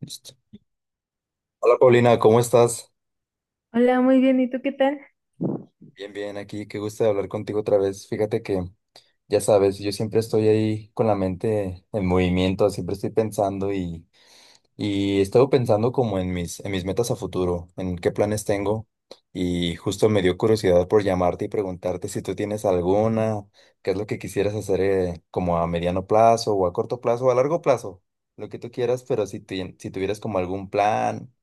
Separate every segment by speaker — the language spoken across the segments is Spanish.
Speaker 1: Listo. Hola Paulina, ¿cómo estás?
Speaker 2: Hola, muy bien. ¿Y tú qué tal?
Speaker 1: Bien, bien, aquí, qué gusto de hablar contigo otra vez. Fíjate que, ya sabes, yo siempre estoy ahí con la mente en movimiento, siempre estoy pensando y he estado pensando como en en mis metas a futuro, en qué planes tengo y justo me dio curiosidad por llamarte y preguntarte si tú tienes alguna, qué es lo que quisieras hacer como a mediano plazo o a corto plazo o a largo plazo, lo que tú quieras, pero si, si tuvieras como algún plan.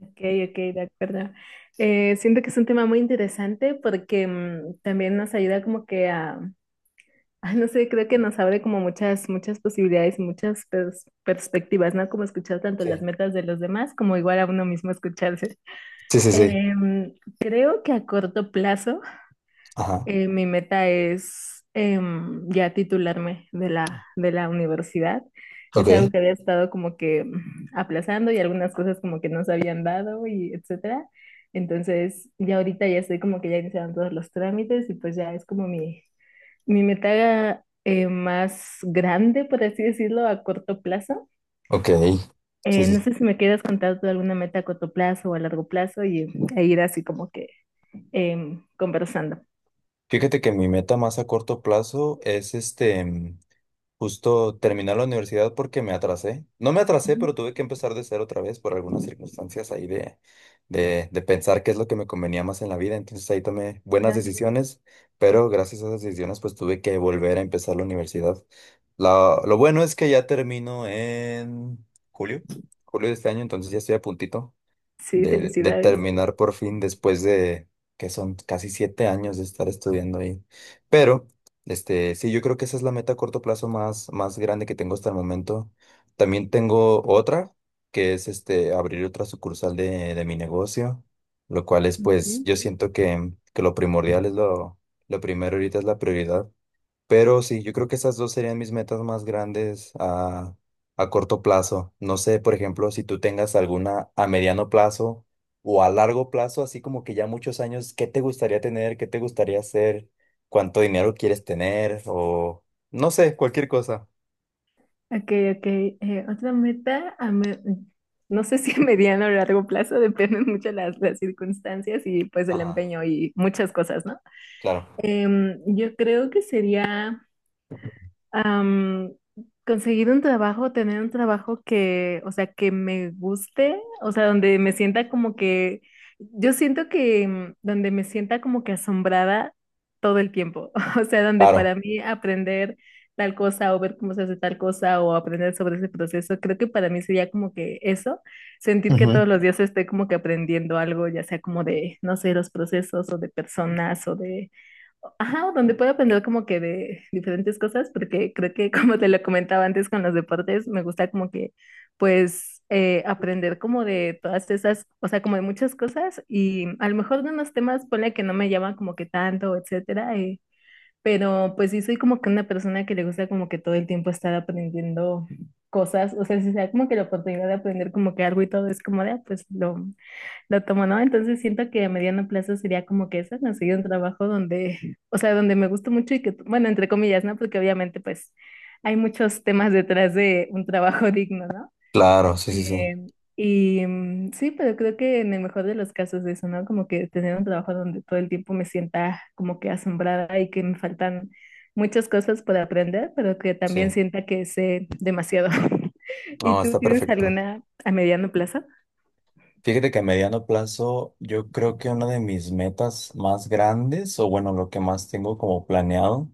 Speaker 2: Ok, ok, de acuerdo. Siento que es un tema muy interesante porque también nos ayuda como que a, ay, no sé, creo que nos abre como muchas, muchas posibilidades y muchas perspectivas, ¿no? Como escuchar tanto las
Speaker 1: Sí.
Speaker 2: metas de los demás como igual a uno mismo escucharse.
Speaker 1: Sí, sí, sí.
Speaker 2: Em, Creo que a corto plazo.
Speaker 1: Ajá.
Speaker 2: Mi meta es ya titularme de de la universidad.
Speaker 1: Ok.
Speaker 2: Es algo que había estado como que aplazando y algunas cosas como que no se habían dado y etcétera. Entonces, ya ahorita ya estoy como que ya iniciaron todos los trámites y pues ya es como mi meta más grande, por así decirlo, a corto plazo.
Speaker 1: Ok, sí,
Speaker 2: No
Speaker 1: sí.
Speaker 2: sé si me quieras contar tú alguna meta a corto plazo o a largo plazo y, e ir así como que conversando.
Speaker 1: Fíjate que mi meta más a corto plazo es este, justo terminar la universidad porque me atrasé. No me atrasé,
Speaker 2: Ujú.
Speaker 1: pero tuve que empezar de cero otra vez por algunas circunstancias ahí de, de pensar qué es lo que me convenía más en la vida. Entonces ahí tomé buenas
Speaker 2: Claro.
Speaker 1: decisiones, pero gracias a esas decisiones pues tuve que volver a empezar la universidad. Lo bueno es que ya termino en julio, julio de este año, entonces ya estoy a puntito
Speaker 2: Sí,
Speaker 1: de
Speaker 2: felicidades.
Speaker 1: terminar por fin después de que son casi 7 años de estar estudiando ahí. Pero, este, sí, yo creo que esa es la meta a corto plazo más, más grande que tengo hasta el momento. También tengo otra, que es este, abrir otra sucursal de mi negocio, lo cual es, pues,
Speaker 2: Ujú.
Speaker 1: yo siento que lo primordial es lo primero ahorita es la prioridad. Pero sí, yo creo que esas dos serían mis metas más grandes a corto plazo. No sé, por ejemplo, si tú tengas alguna a mediano plazo o a largo plazo, así como que ya muchos años, ¿qué te gustaría tener? ¿Qué te gustaría hacer? ¿Cuánto dinero quieres tener? O no sé, cualquier cosa.
Speaker 2: Ok, ok. Otra meta, a no sé si a mediano o largo plazo, dependen mucho las circunstancias y pues el
Speaker 1: Ajá,
Speaker 2: empeño y muchas cosas, ¿no?
Speaker 1: claro.
Speaker 2: Yo creo que sería am, conseguir un trabajo, tener un trabajo que, o sea, que me guste, o sea, donde me sienta como que, yo siento que donde me sienta como que asombrada todo el tiempo, o sea, donde
Speaker 1: Claro.
Speaker 2: para mí aprender tal cosa o ver cómo se hace tal cosa o aprender sobre ese proceso, creo que para mí sería como que eso, sentir que
Speaker 1: Ujú.
Speaker 2: todos los días estoy como que aprendiendo algo, ya sea como de, no sé, los procesos o de personas o de Ajá, o donde puedo aprender como que de diferentes cosas, porque creo que como te lo comentaba antes con los deportes, me gusta como que pues aprender como de todas esas, o sea, como de muchas cosas y a lo mejor de unos temas, ponle que no me llaman como que tanto, etcétera, pero pues sí soy como que una persona que le gusta como que todo el tiempo estar aprendiendo cosas, o sea, si sea como que la oportunidad de aprender como que algo y todo es como de, ah, pues lo tomo, ¿no? Entonces siento que a mediano plazo sería como que eso, conseguir un trabajo donde, o sea, donde me gusta mucho y que, bueno, entre comillas, ¿no? Porque obviamente pues hay muchos temas detrás de un trabajo digno, ¿no?
Speaker 1: Claro, sí, sí, sí.
Speaker 2: Eh, y sí, pero creo que en el mejor de los casos eso, ¿no? Como que tener un trabajo donde todo el tiempo me sienta como que asombrada y que me faltan muchas cosas por aprender, pero que también
Speaker 1: Sí.
Speaker 2: sienta que sé demasiado. ¿Y
Speaker 1: No,
Speaker 2: tú
Speaker 1: está
Speaker 2: tienes
Speaker 1: perfecto.
Speaker 2: alguna a mediano plazo?
Speaker 1: Fíjate que a mediano plazo, yo creo que una de mis metas más grandes, o bueno, lo que más tengo como planeado,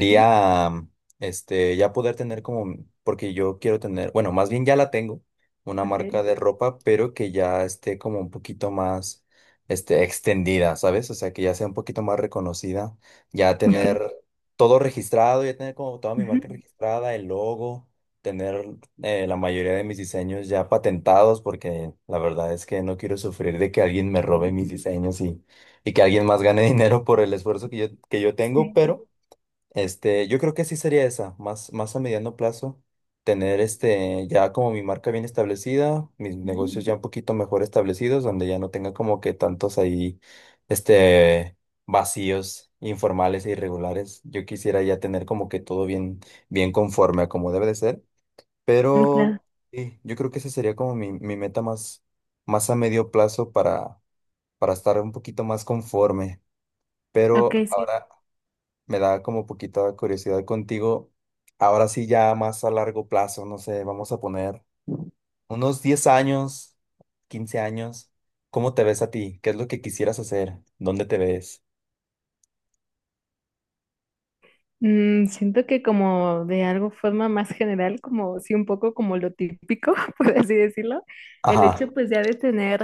Speaker 2: Ujú,
Speaker 1: este ya poder tener como, porque yo quiero tener, bueno, más bien ya la tengo, una
Speaker 2: ok.
Speaker 1: marca de ropa, pero que ya esté como un poquito más este extendida, ¿sabes? O sea, que ya sea un poquito más reconocida, ya
Speaker 2: Ya.
Speaker 1: tener todo registrado, ya tener como toda mi marca
Speaker 2: Ok.
Speaker 1: registrada, el logo tener la mayoría de mis diseños ya patentados porque la verdad es que no quiero sufrir de que alguien me robe mis diseños y que alguien más gane dinero por el esfuerzo que yo tengo,
Speaker 2: Sí.
Speaker 1: pero este, yo creo que sí sería esa, más, más a mediano plazo, tener este, ya como mi marca bien establecida, mis
Speaker 2: Ujú,
Speaker 1: negocios ya un poquito mejor establecidos, donde ya no tenga como que tantos ahí, este, vacíos informales e irregulares. Yo quisiera ya tener como que todo bien, bien conforme a como debe de ser.
Speaker 2: claro.
Speaker 1: Pero sí, yo creo que esa sería como mi meta más, más a medio plazo para estar un poquito más conforme. Pero
Speaker 2: Ok, sí.
Speaker 1: ahora me da como poquita curiosidad contigo. Ahora sí, ya más a largo plazo, no sé, vamos a poner unos 10 años, 15 años. ¿Cómo te ves a ti? ¿Qué es lo que quisieras hacer? ¿Dónde te ves?
Speaker 2: Siento que como de algo forma más general, como sí, un poco como lo típico, por así decirlo, el
Speaker 1: Ajá,
Speaker 2: hecho pues ya de tener,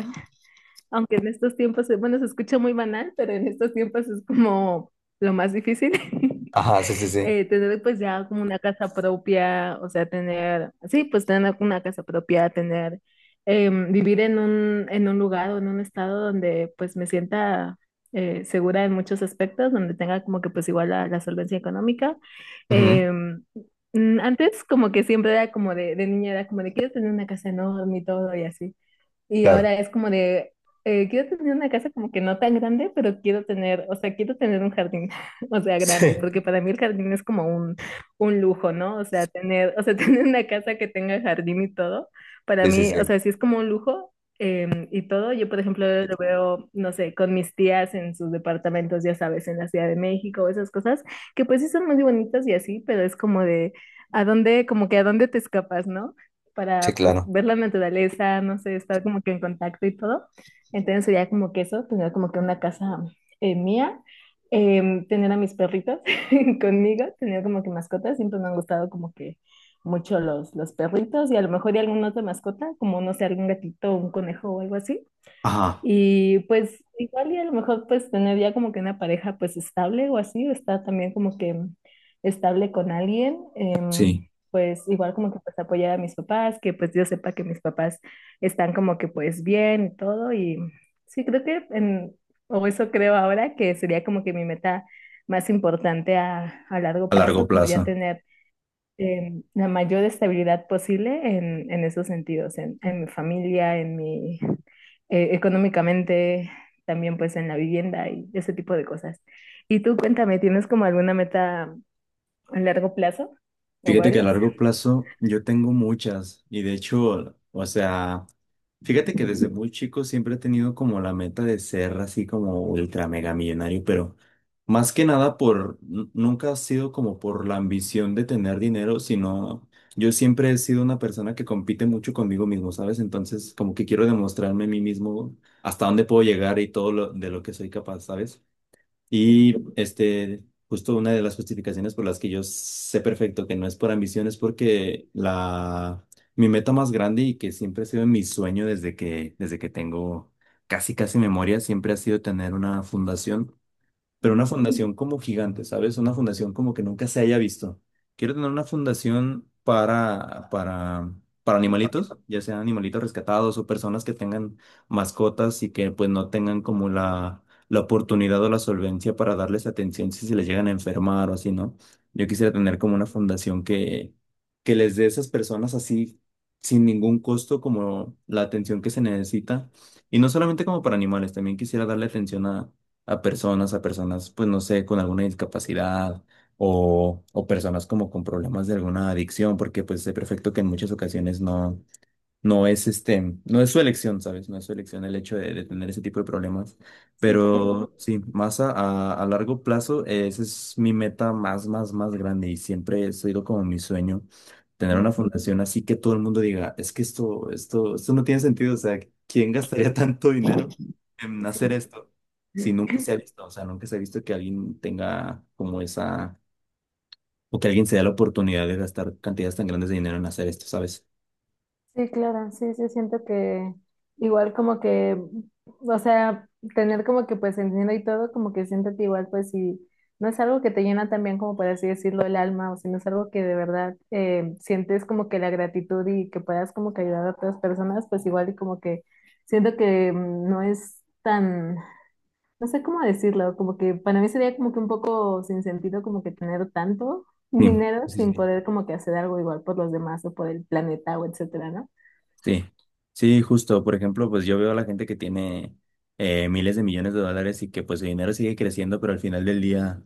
Speaker 2: aunque en estos tiempos, bueno, se escucha muy banal, pero en estos tiempos es como lo más difícil.
Speaker 1: ajá, sí, sí, sí.
Speaker 2: Tener pues ya como una casa propia, o sea, tener, sí, pues tener una casa propia, tener, vivir en un lugar o en un estado donde pues me sienta segura en muchos aspectos, donde tenga como que pues igual la solvencia económica.
Speaker 1: Ujú,
Speaker 2: Eh, Antes como que siempre era como de niña, era como de quiero tener una casa enorme y todo y así. Y
Speaker 1: claro.
Speaker 2: ahora es como de, quiero tener una casa como que no tan grande, pero quiero tener, o sea, quiero tener un jardín, o sea,
Speaker 1: Sí,
Speaker 2: grande, porque para mí el jardín es como un lujo, ¿no? O sea, tener, o sea, tener una casa que tenga jardín y todo, para
Speaker 1: sí, sí,
Speaker 2: mí, o
Speaker 1: sí,
Speaker 2: sea, sí es como un lujo y todo. Yo, por ejemplo, lo veo, no sé, con mis tías en sus departamentos, ya sabes, en la Ciudad de México, esas cosas, que pues sí son muy bonitas y así, pero es como de, ¿a dónde, como que a dónde te escapas, ¿no?
Speaker 1: sí,
Speaker 2: Para pues
Speaker 1: claro.
Speaker 2: ver la naturaleza, no sé, estar como que en contacto y todo. Entonces sería como que eso, tener como que una casa mía, tener a mis perritos conmigo, tener como que mascotas, siempre me han gustado como que mucho los perritos y a lo mejor y alguna otra mascota, como no sé, algún gatito, un conejo o algo así.
Speaker 1: Ajá,
Speaker 2: Y pues igual y a lo mejor pues tener ya como que una pareja pues estable o así, o estar también como que estable con alguien,
Speaker 1: sí,
Speaker 2: pues igual como que pues apoyar a mis papás, que pues yo sepa que mis papás están como que pues bien y todo. Y sí, creo que, en, o eso creo ahora, que sería como que mi meta más importante a largo
Speaker 1: a largo
Speaker 2: plazo, como ya
Speaker 1: plazo.
Speaker 2: tener la mayor estabilidad posible en esos sentidos, en mi familia, en mi, económicamente, también pues en la vivienda y ese tipo de cosas. Y tú cuéntame, ¿tienes como alguna meta a largo plazo o
Speaker 1: Fíjate que a
Speaker 2: varias?
Speaker 1: largo plazo yo tengo muchas y de hecho, o sea, fíjate que desde muy chico siempre he tenido como la meta de ser así como ultra mega millonario, pero más que nada por, nunca ha sido como por la ambición de tener dinero, sino yo siempre he sido una persona que compite mucho conmigo mismo, ¿sabes? Entonces como que quiero demostrarme a mí mismo hasta dónde puedo llegar y todo lo, de lo que soy capaz, ¿sabes? Y este, justo una de las justificaciones por las que yo sé perfecto que no es por ambición es porque la, mi meta más grande y que siempre ha sido mi sueño desde que tengo casi, casi memoria, siempre ha sido tener una fundación pero una
Speaker 2: Ujú.
Speaker 1: fundación como gigante, ¿sabes? Una fundación como que nunca se haya visto. Quiero tener una fundación para animalitos, ya sean animalitos rescatados o personas que tengan mascotas y que pues no tengan como la oportunidad o la solvencia para darles atención si se les llegan a enfermar o así, ¿no? Yo quisiera tener como una fundación que les dé a esas personas así sin ningún costo como la atención que se necesita. Y no solamente como para animales, también quisiera darle atención a a personas, pues no sé, con alguna discapacidad o personas como con problemas de alguna adicción, porque pues sé perfecto que en muchas ocasiones no. No es este, no es su elección, ¿sabes? No es su elección el hecho de tener ese tipo de problemas.
Speaker 2: Sí, claro.
Speaker 1: Pero sí, más a, a largo plazo, esa es mi meta más, más, más grande y siempre ha sido como mi sueño, tener una
Speaker 2: Mm.
Speaker 1: fundación así que todo el mundo diga, es que esto no tiene sentido, o sea, ¿quién gastaría tanto dinero en
Speaker 2: Sí,
Speaker 1: hacer
Speaker 2: sí.
Speaker 1: esto si nunca se ha visto? O sea, nunca se ha visto que alguien tenga como esa, o que alguien se dé la oportunidad de gastar cantidades tan grandes de dinero en hacer esto, ¿sabes?
Speaker 2: Sí, claro, sí, sí, siento que igual como que, o sea, tener como que pues el dinero y todo, como que siento que igual pues si no es algo que te llena también como por así decirlo el alma, o si no es algo que de verdad sientes como que la gratitud y que puedas como que ayudar a otras personas, pues igual y como que siento que no es tan, no sé cómo decirlo, como que para mí sería como que un poco sin sentido como que tener tanto
Speaker 1: Sí,
Speaker 2: dinero
Speaker 1: sí,
Speaker 2: sin
Speaker 1: sí.
Speaker 2: poder como que hacer algo igual por los demás o por el planeta o etcétera, ¿no?
Speaker 1: Sí, sí, justo. Por ejemplo, pues yo veo a la gente que tiene miles de millones de dólares y que pues el dinero sigue creciendo, pero al final del día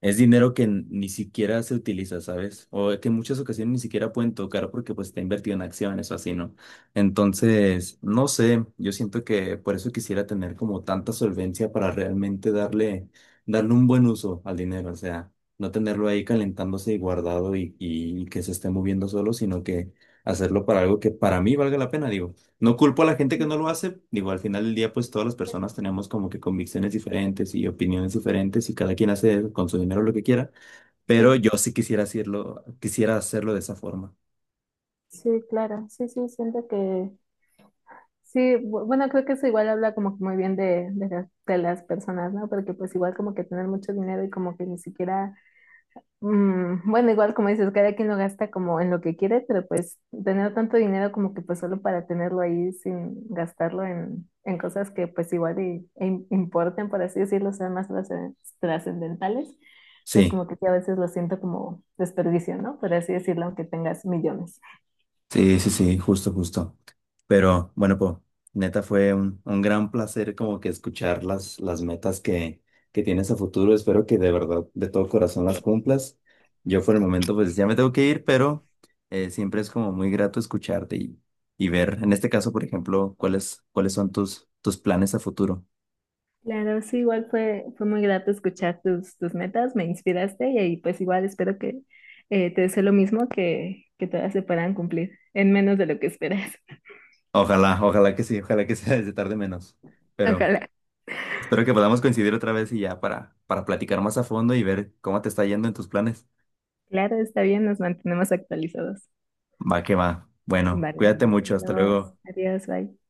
Speaker 1: es dinero que ni siquiera se utiliza, ¿sabes? O que en muchas ocasiones ni siquiera pueden tocar porque pues está invertido en acciones o así, ¿no? Entonces, no sé, yo siento que por eso quisiera tener como tanta solvencia para realmente darle, darle un buen uso al dinero, o sea, no tenerlo ahí calentándose y guardado y que se esté moviendo solo, sino que hacerlo para algo que para mí valga la pena, digo. No culpo a la gente que no lo hace, digo, al final del día pues todas las personas tenemos como que convicciones diferentes y opiniones diferentes y cada quien hace con su dinero lo que quiera,
Speaker 2: Sí,
Speaker 1: pero yo sí quisiera hacerlo de esa forma.
Speaker 2: sí, claro, sí, sí, siento que sí, bueno, creo que eso igual habla como que muy bien de las personas, ¿no? Porque pues igual como que tener mucho dinero y como que ni siquiera, bueno, igual como dices, cada quien lo gasta como en lo que quiere, pero pues tener tanto dinero como que pues solo para tenerlo ahí sin gastarlo en cosas que pues igual y, e importen, por así decirlo, sean más trascendentales, pues
Speaker 1: Sí.
Speaker 2: como que sí, a veces lo siento como desperdicio, ¿no? Por así decirlo, aunque tengas millones.
Speaker 1: Sí, sí, sí, justo, justo. Pero bueno, pues neta fue un gran placer como que escuchar las metas que tienes a futuro. Espero que de verdad, de todo corazón las cumplas. Yo por el momento pues ya me tengo que ir, pero siempre es como muy grato escucharte y ver, en este caso, por ejemplo, cuáles, cuáles son tus, tus planes a futuro.
Speaker 2: Claro, sí, igual fue, fue muy grato escuchar tus, tus metas, me inspiraste y ahí pues igual espero que te deseo lo mismo que todas se puedan cumplir en menos de lo que esperas.
Speaker 1: Ojalá, ojalá que sí, ojalá que sea desde tarde menos. Pero
Speaker 2: Ojalá.
Speaker 1: espero que podamos coincidir otra vez y ya para platicar más a fondo y ver cómo te está yendo en tus planes.
Speaker 2: Claro, está bien, nos mantenemos actualizados.
Speaker 1: Va que va. Bueno,
Speaker 2: Vale,
Speaker 1: cuídate mucho,
Speaker 2: nos
Speaker 1: hasta
Speaker 2: vemos.
Speaker 1: luego.
Speaker 2: Adiós, bye.